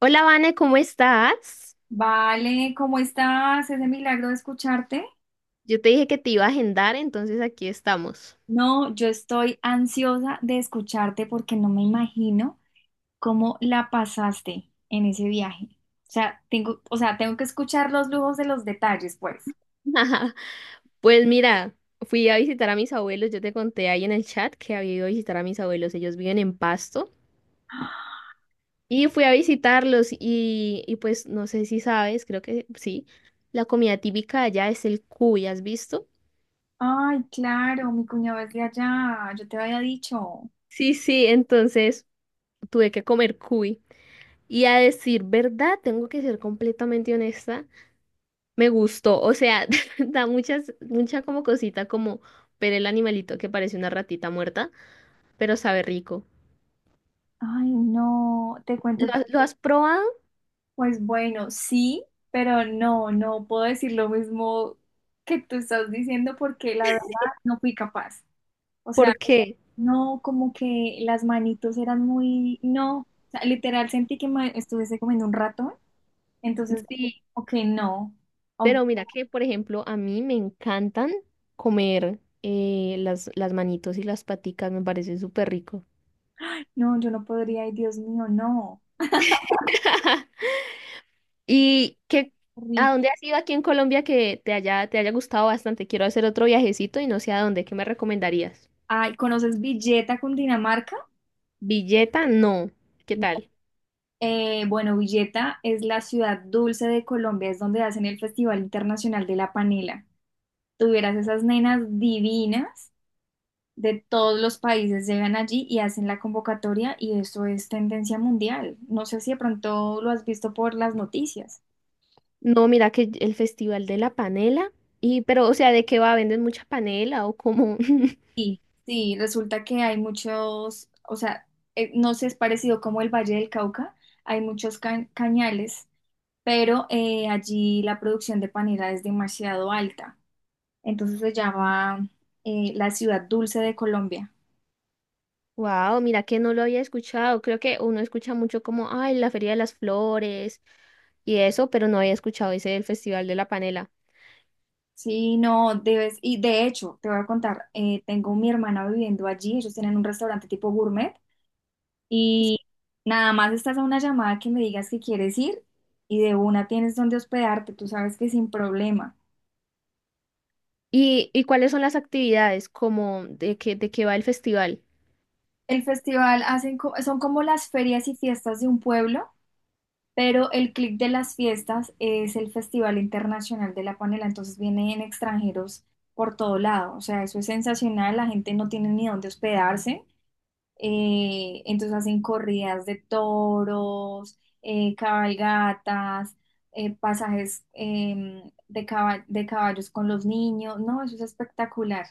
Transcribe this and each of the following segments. Hola, Vane, ¿cómo estás? Vale, ¿cómo estás? Ese milagro de escucharte. Yo te dije que te iba a agendar, entonces aquí estamos. No, yo estoy ansiosa de escucharte porque no me imagino cómo la pasaste en ese viaje. O sea, tengo que escuchar los lujos de los detalles, pues. Pues mira, fui a visitar a mis abuelos, yo te conté ahí en el chat que había ido a visitar a mis abuelos, ellos viven en Pasto, y fui a visitarlos y pues no sé si sabes, creo que sí, la comida típica de allá es el cuy, ¿has visto? Ay, claro, mi cuñado es de allá, yo te había dicho. Sí, sí, entonces tuve que comer cuy. Y a decir verdad, tengo que ser completamente honesta. Me gustó, o sea, da muchas, mucha como cosita como ver el animalito que parece una ratita muerta, pero sabe rico. Ay, no, te cuento. ¿Lo has probado? Pues bueno, sí, pero no, no puedo decir lo mismo que tú estás diciendo porque la verdad no fui capaz. O sea, Porque no, como que las manitos eran muy, no, o sea, literal sentí que me estuviese comiendo un ratón, entonces, sí, ok, no, Aun- pero mira que, por ejemplo, a mí me encantan comer las manitos y las paticas, me parece súper rico. no, yo no podría, ay, Dios mío, no, ¿Y qué, horrible. a dónde has ido aquí en Colombia que te te haya gustado bastante? Quiero hacer otro viajecito y no sé a dónde, ¿qué me recomendarías? Ay, ¿conoces Villeta, Cundinamarca? Villeta, no. ¿Qué No. tal? Bueno, Villeta es la ciudad dulce de Colombia, es donde hacen el Festival Internacional de la Panela. Tuvieras esas nenas divinas, de todos los países llegan allí y hacen la convocatoria y eso es tendencia mundial. No sé si de pronto lo has visto por las noticias. No, mira que el Festival de la Panela. Y, pero, o sea, ¿de qué va? ¿Venden mucha panela o cómo? Sí, sí, resulta que hay muchos, o sea, no sé, es parecido como el Valle del Cauca, hay muchos cañales, pero allí la producción de panela es demasiado alta. Entonces se llama la ciudad dulce de Colombia. Wow, mira que no lo había escuchado. Creo que uno escucha mucho como, ay, la Feria de las Flores y eso, pero no había escuchado ese del Festival de la Panela. Sí, no, debes, y de hecho, te voy a contar, tengo mi hermana viviendo allí, ellos tienen un restaurante tipo gourmet y nada más estás a una llamada que me digas que quieres ir y de una tienes donde hospedarte, tú sabes que sin problema. Y cuáles son las actividades? Como de qué va el festival. El festival hacen son como las ferias y fiestas de un pueblo, pero el clic de las fiestas es el Festival Internacional de la Panela, entonces vienen extranjeros por todo lado, o sea, eso es sensacional, la gente no tiene ni dónde hospedarse. Entonces hacen corridas de toros, cabalgatas, pasajes de, de caballos con los niños. No, eso es espectacular.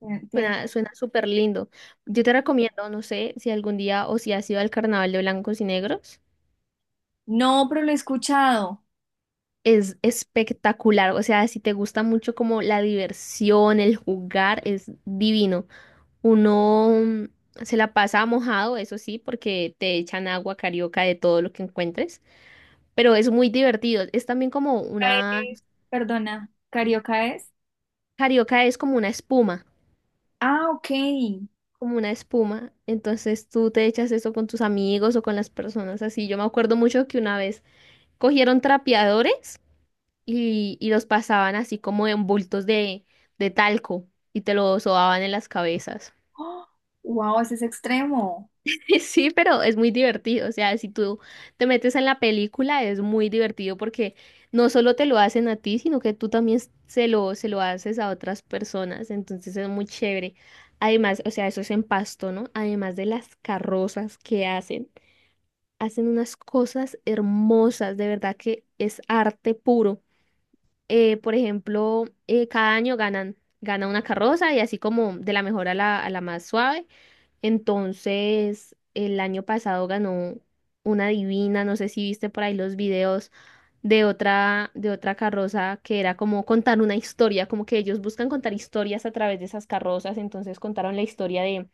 Tiene- tiene- Suena, suena súper lindo. Yo te recomiendo, no sé, si algún día o si has ido al Carnaval de Blancos y Negros. No, pero lo he escuchado. Es espectacular, o sea, si te gusta mucho como la diversión, el jugar, es divino. Uno se la pasa mojado, eso sí, porque te echan agua carioca de todo lo que encuentres, pero es muy divertido. Es también como una, Eh, Perdona, ¿carioca es? carioca es como una espuma, Ah, ok. como una espuma. Entonces tú te echas eso con tus amigos o con las personas así. Yo me acuerdo mucho que una vez cogieron trapeadores. Y los pasaban así como en bultos de talco y te lo sobaban en las cabezas. Wow, ese es extremo. Sí, pero es muy divertido, o sea, si tú te metes en la película es muy divertido porque no solo te lo hacen a ti, sino que tú también se lo haces a otras personas, entonces es muy chévere. Además, o sea, eso es en Pasto, ¿no? Además de las carrozas que hacen, hacen unas cosas hermosas, de verdad que es arte puro. Por ejemplo, cada año gana una carroza y así como de la mejor a a la más suave. Entonces, el año pasado ganó una divina, no sé si viste por ahí los videos de de otra carroza que era como contar una historia, como que ellos buscan contar historias a través de esas carrozas. Entonces contaron la historia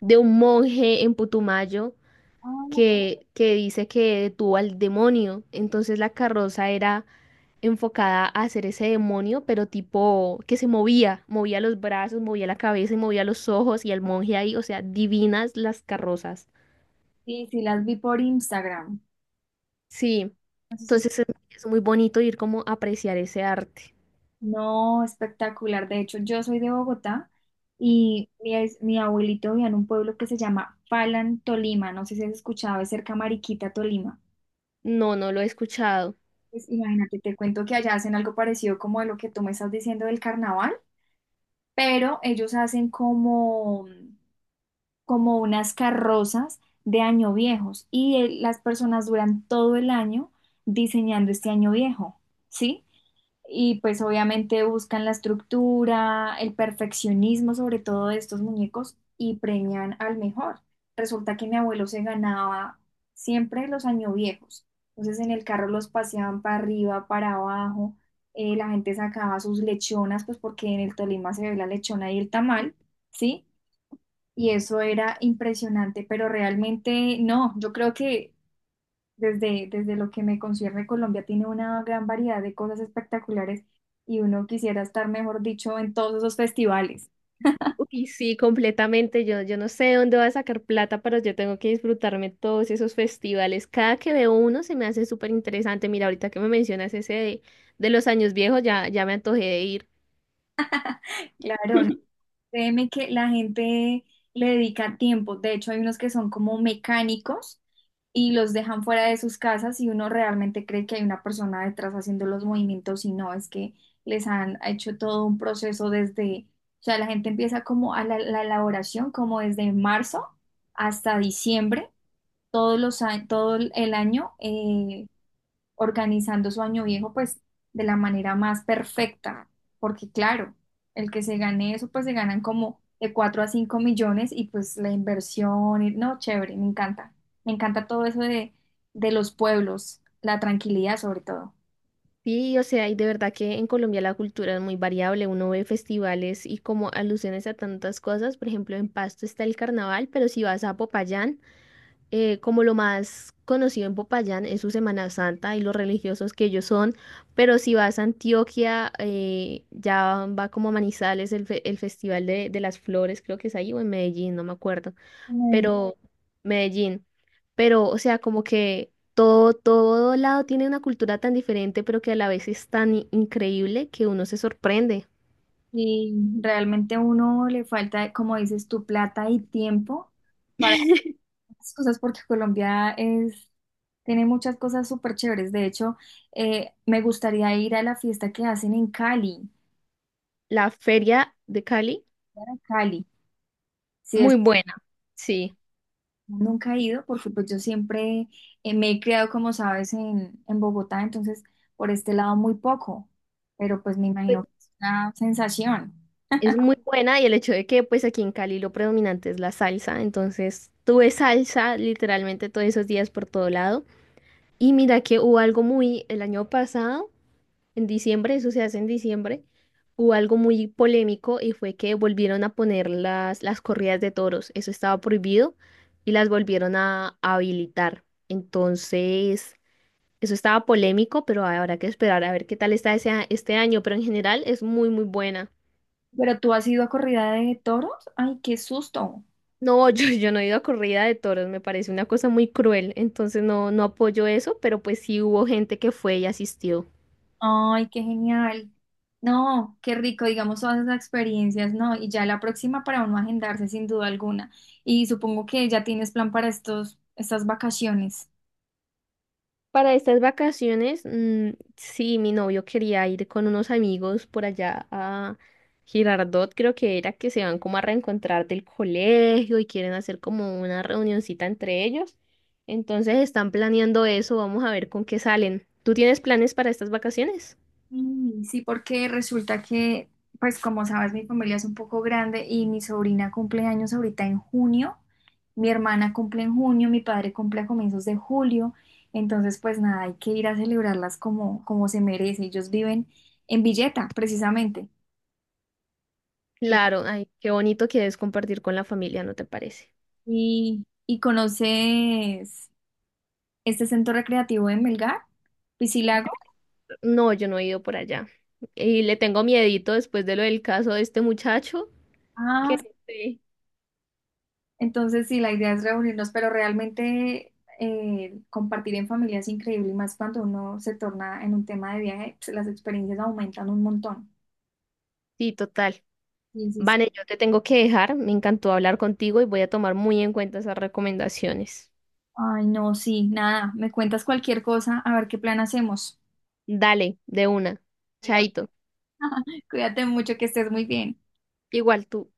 de un monje en Putumayo Ah, que dice que detuvo al demonio. Entonces la carroza era enfocada a hacer ese demonio, pero tipo que se movía, movía los brazos, movía la cabeza y movía los ojos y el monje ahí, o sea, divinas las carrozas. sí, sí, las vi por Instagram. Sí, Entonces entonces es muy bonito ir como a apreciar ese arte. no, espectacular. De hecho, yo soy de Bogotá y mi abuelito vivía en un pueblo que se llama Falan, Tolima. No sé si has escuchado, es cerca a Mariquita, Tolima. No, no lo he escuchado. Pues imagínate, te cuento que allá hacen algo parecido como de lo que tú me estás diciendo del carnaval, pero ellos hacen como, como unas carrozas de año viejos y las personas duran todo el año diseñando este año viejo, ¿sí? Y pues obviamente buscan la estructura, el perfeccionismo sobre todo de estos muñecos y premian al mejor. Resulta que mi abuelo se ganaba siempre los año viejos. Entonces en el carro los paseaban para arriba, para abajo. La gente sacaba sus lechonas, pues porque en el Tolima se ve la lechona y el tamal, ¿sí? Y eso era impresionante, pero realmente no, yo creo que desde lo que me concierne, Colombia tiene una gran variedad de cosas espectaculares y uno quisiera estar, mejor dicho, en todos esos festivales. Y sí, completamente. Yo no sé de dónde voy a sacar plata, pero yo tengo que disfrutarme todos esos festivales. Cada que veo uno se me hace súper interesante. Mira, ahorita que me mencionas ese de los años viejos, ya, ya me antojé de ir. Claro, no, créeme que la gente le dedica tiempo. De hecho, hay unos que son como mecánicos y los dejan fuera de sus casas y uno realmente cree que hay una persona detrás haciendo los movimientos y no, es que les han hecho todo un proceso desde, o sea, la gente empieza como a la elaboración como desde marzo hasta diciembre todos todo el año organizando su año viejo, pues de la manera más perfecta, porque claro, el que se gane eso, pues se ganan como de 4 a 5 millones y pues la inversión, y- no, chévere, me encanta todo eso de los pueblos, la tranquilidad sobre todo. Sí, o sea, y de verdad que en Colombia la cultura es muy variable, uno ve festivales y como alusiones a tantas cosas, por ejemplo, en Pasto está el carnaval, pero si vas a Popayán, como lo más conocido en Popayán es su Semana Santa y los religiosos que ellos son, pero si vas a Antioquia, ya va como a Manizales el Festival de las Flores, creo que es ahí, o en Medellín, no me acuerdo Ay, pero Medellín. Pero, o sea, como que todo, todo lado tiene una cultura tan diferente, pero que a la vez es tan increíble que uno se sorprende. y realmente a uno le falta, como dices, tu plata y tiempo, para las cosas porque Colombia es, tiene muchas cosas súper chéveres. De hecho, me gustaría ir a la fiesta que hacen en Cali, La feria de Cali, Cali. Sí, es, muy buena, sí. nunca he ido porque pues yo siempre me he criado, como sabes, en Bogotá, entonces por este lado muy poco, pero pues me Pues, imagino que es una sensación. es muy buena y el hecho de que pues aquí en Cali lo predominante es la salsa, entonces tuve salsa literalmente todos esos días por todo lado. Y mira que hubo algo muy el año pasado. En diciembre, eso se hace en diciembre, hubo algo muy polémico y fue que volvieron a poner las corridas de toros. Eso estaba prohibido y las volvieron a habilitar. Entonces, eso estaba polémico, pero habrá que esperar a ver qué tal está este año. Pero en general es muy, muy buena. Pero tú has ido a corrida de toros, ay, qué susto. No, yo no he ido a corrida de toros, me parece una cosa muy cruel, entonces no, no apoyo eso, pero pues sí hubo gente que fue y asistió. Ay, qué genial. No, qué rico, digamos, todas esas experiencias, ¿no? Y ya la próxima para uno agendarse sin duda alguna. Y supongo que ya tienes plan para estos, estas vacaciones. Para estas vacaciones, mm, sí, mi novio quería ir con unos amigos por allá a Girardot, creo que era que se van como a reencontrar del colegio y quieren hacer como una reunioncita entre ellos. Entonces están planeando eso, vamos a ver con qué salen. ¿Tú tienes planes para estas vacaciones? Mm, sí, porque resulta que, pues como sabes, mi familia es un poco grande y mi sobrina cumple años ahorita en junio, mi hermana cumple en junio, mi padre cumple a comienzos de julio, entonces pues nada, hay que ir a celebrarlas como, como se merece. Ellos viven en Villeta, precisamente. Claro, ay, qué bonito que es compartir con la familia, ¿no te parece? Y conoces este centro recreativo en Melgar? ¿Piscilago? No, yo no he ido por allá. Y le tengo miedito después de lo del caso de este muchacho, Ah, que no sé. entonces sí, la idea es reunirnos, pero realmente compartir en familia es increíble y más cuando uno se torna en un tema de viaje, pues, las experiencias aumentan un montón. Sí, total. Sí, sí, sí. Vane, yo te tengo que dejar. Me encantó hablar contigo y voy a tomar muy en cuenta esas recomendaciones. Ay, no, sí, nada, me cuentas cualquier cosa, a ver qué plan hacemos. Dale, de una. Mira, Chaito. cuídate mucho, que estés muy bien. Igual tú.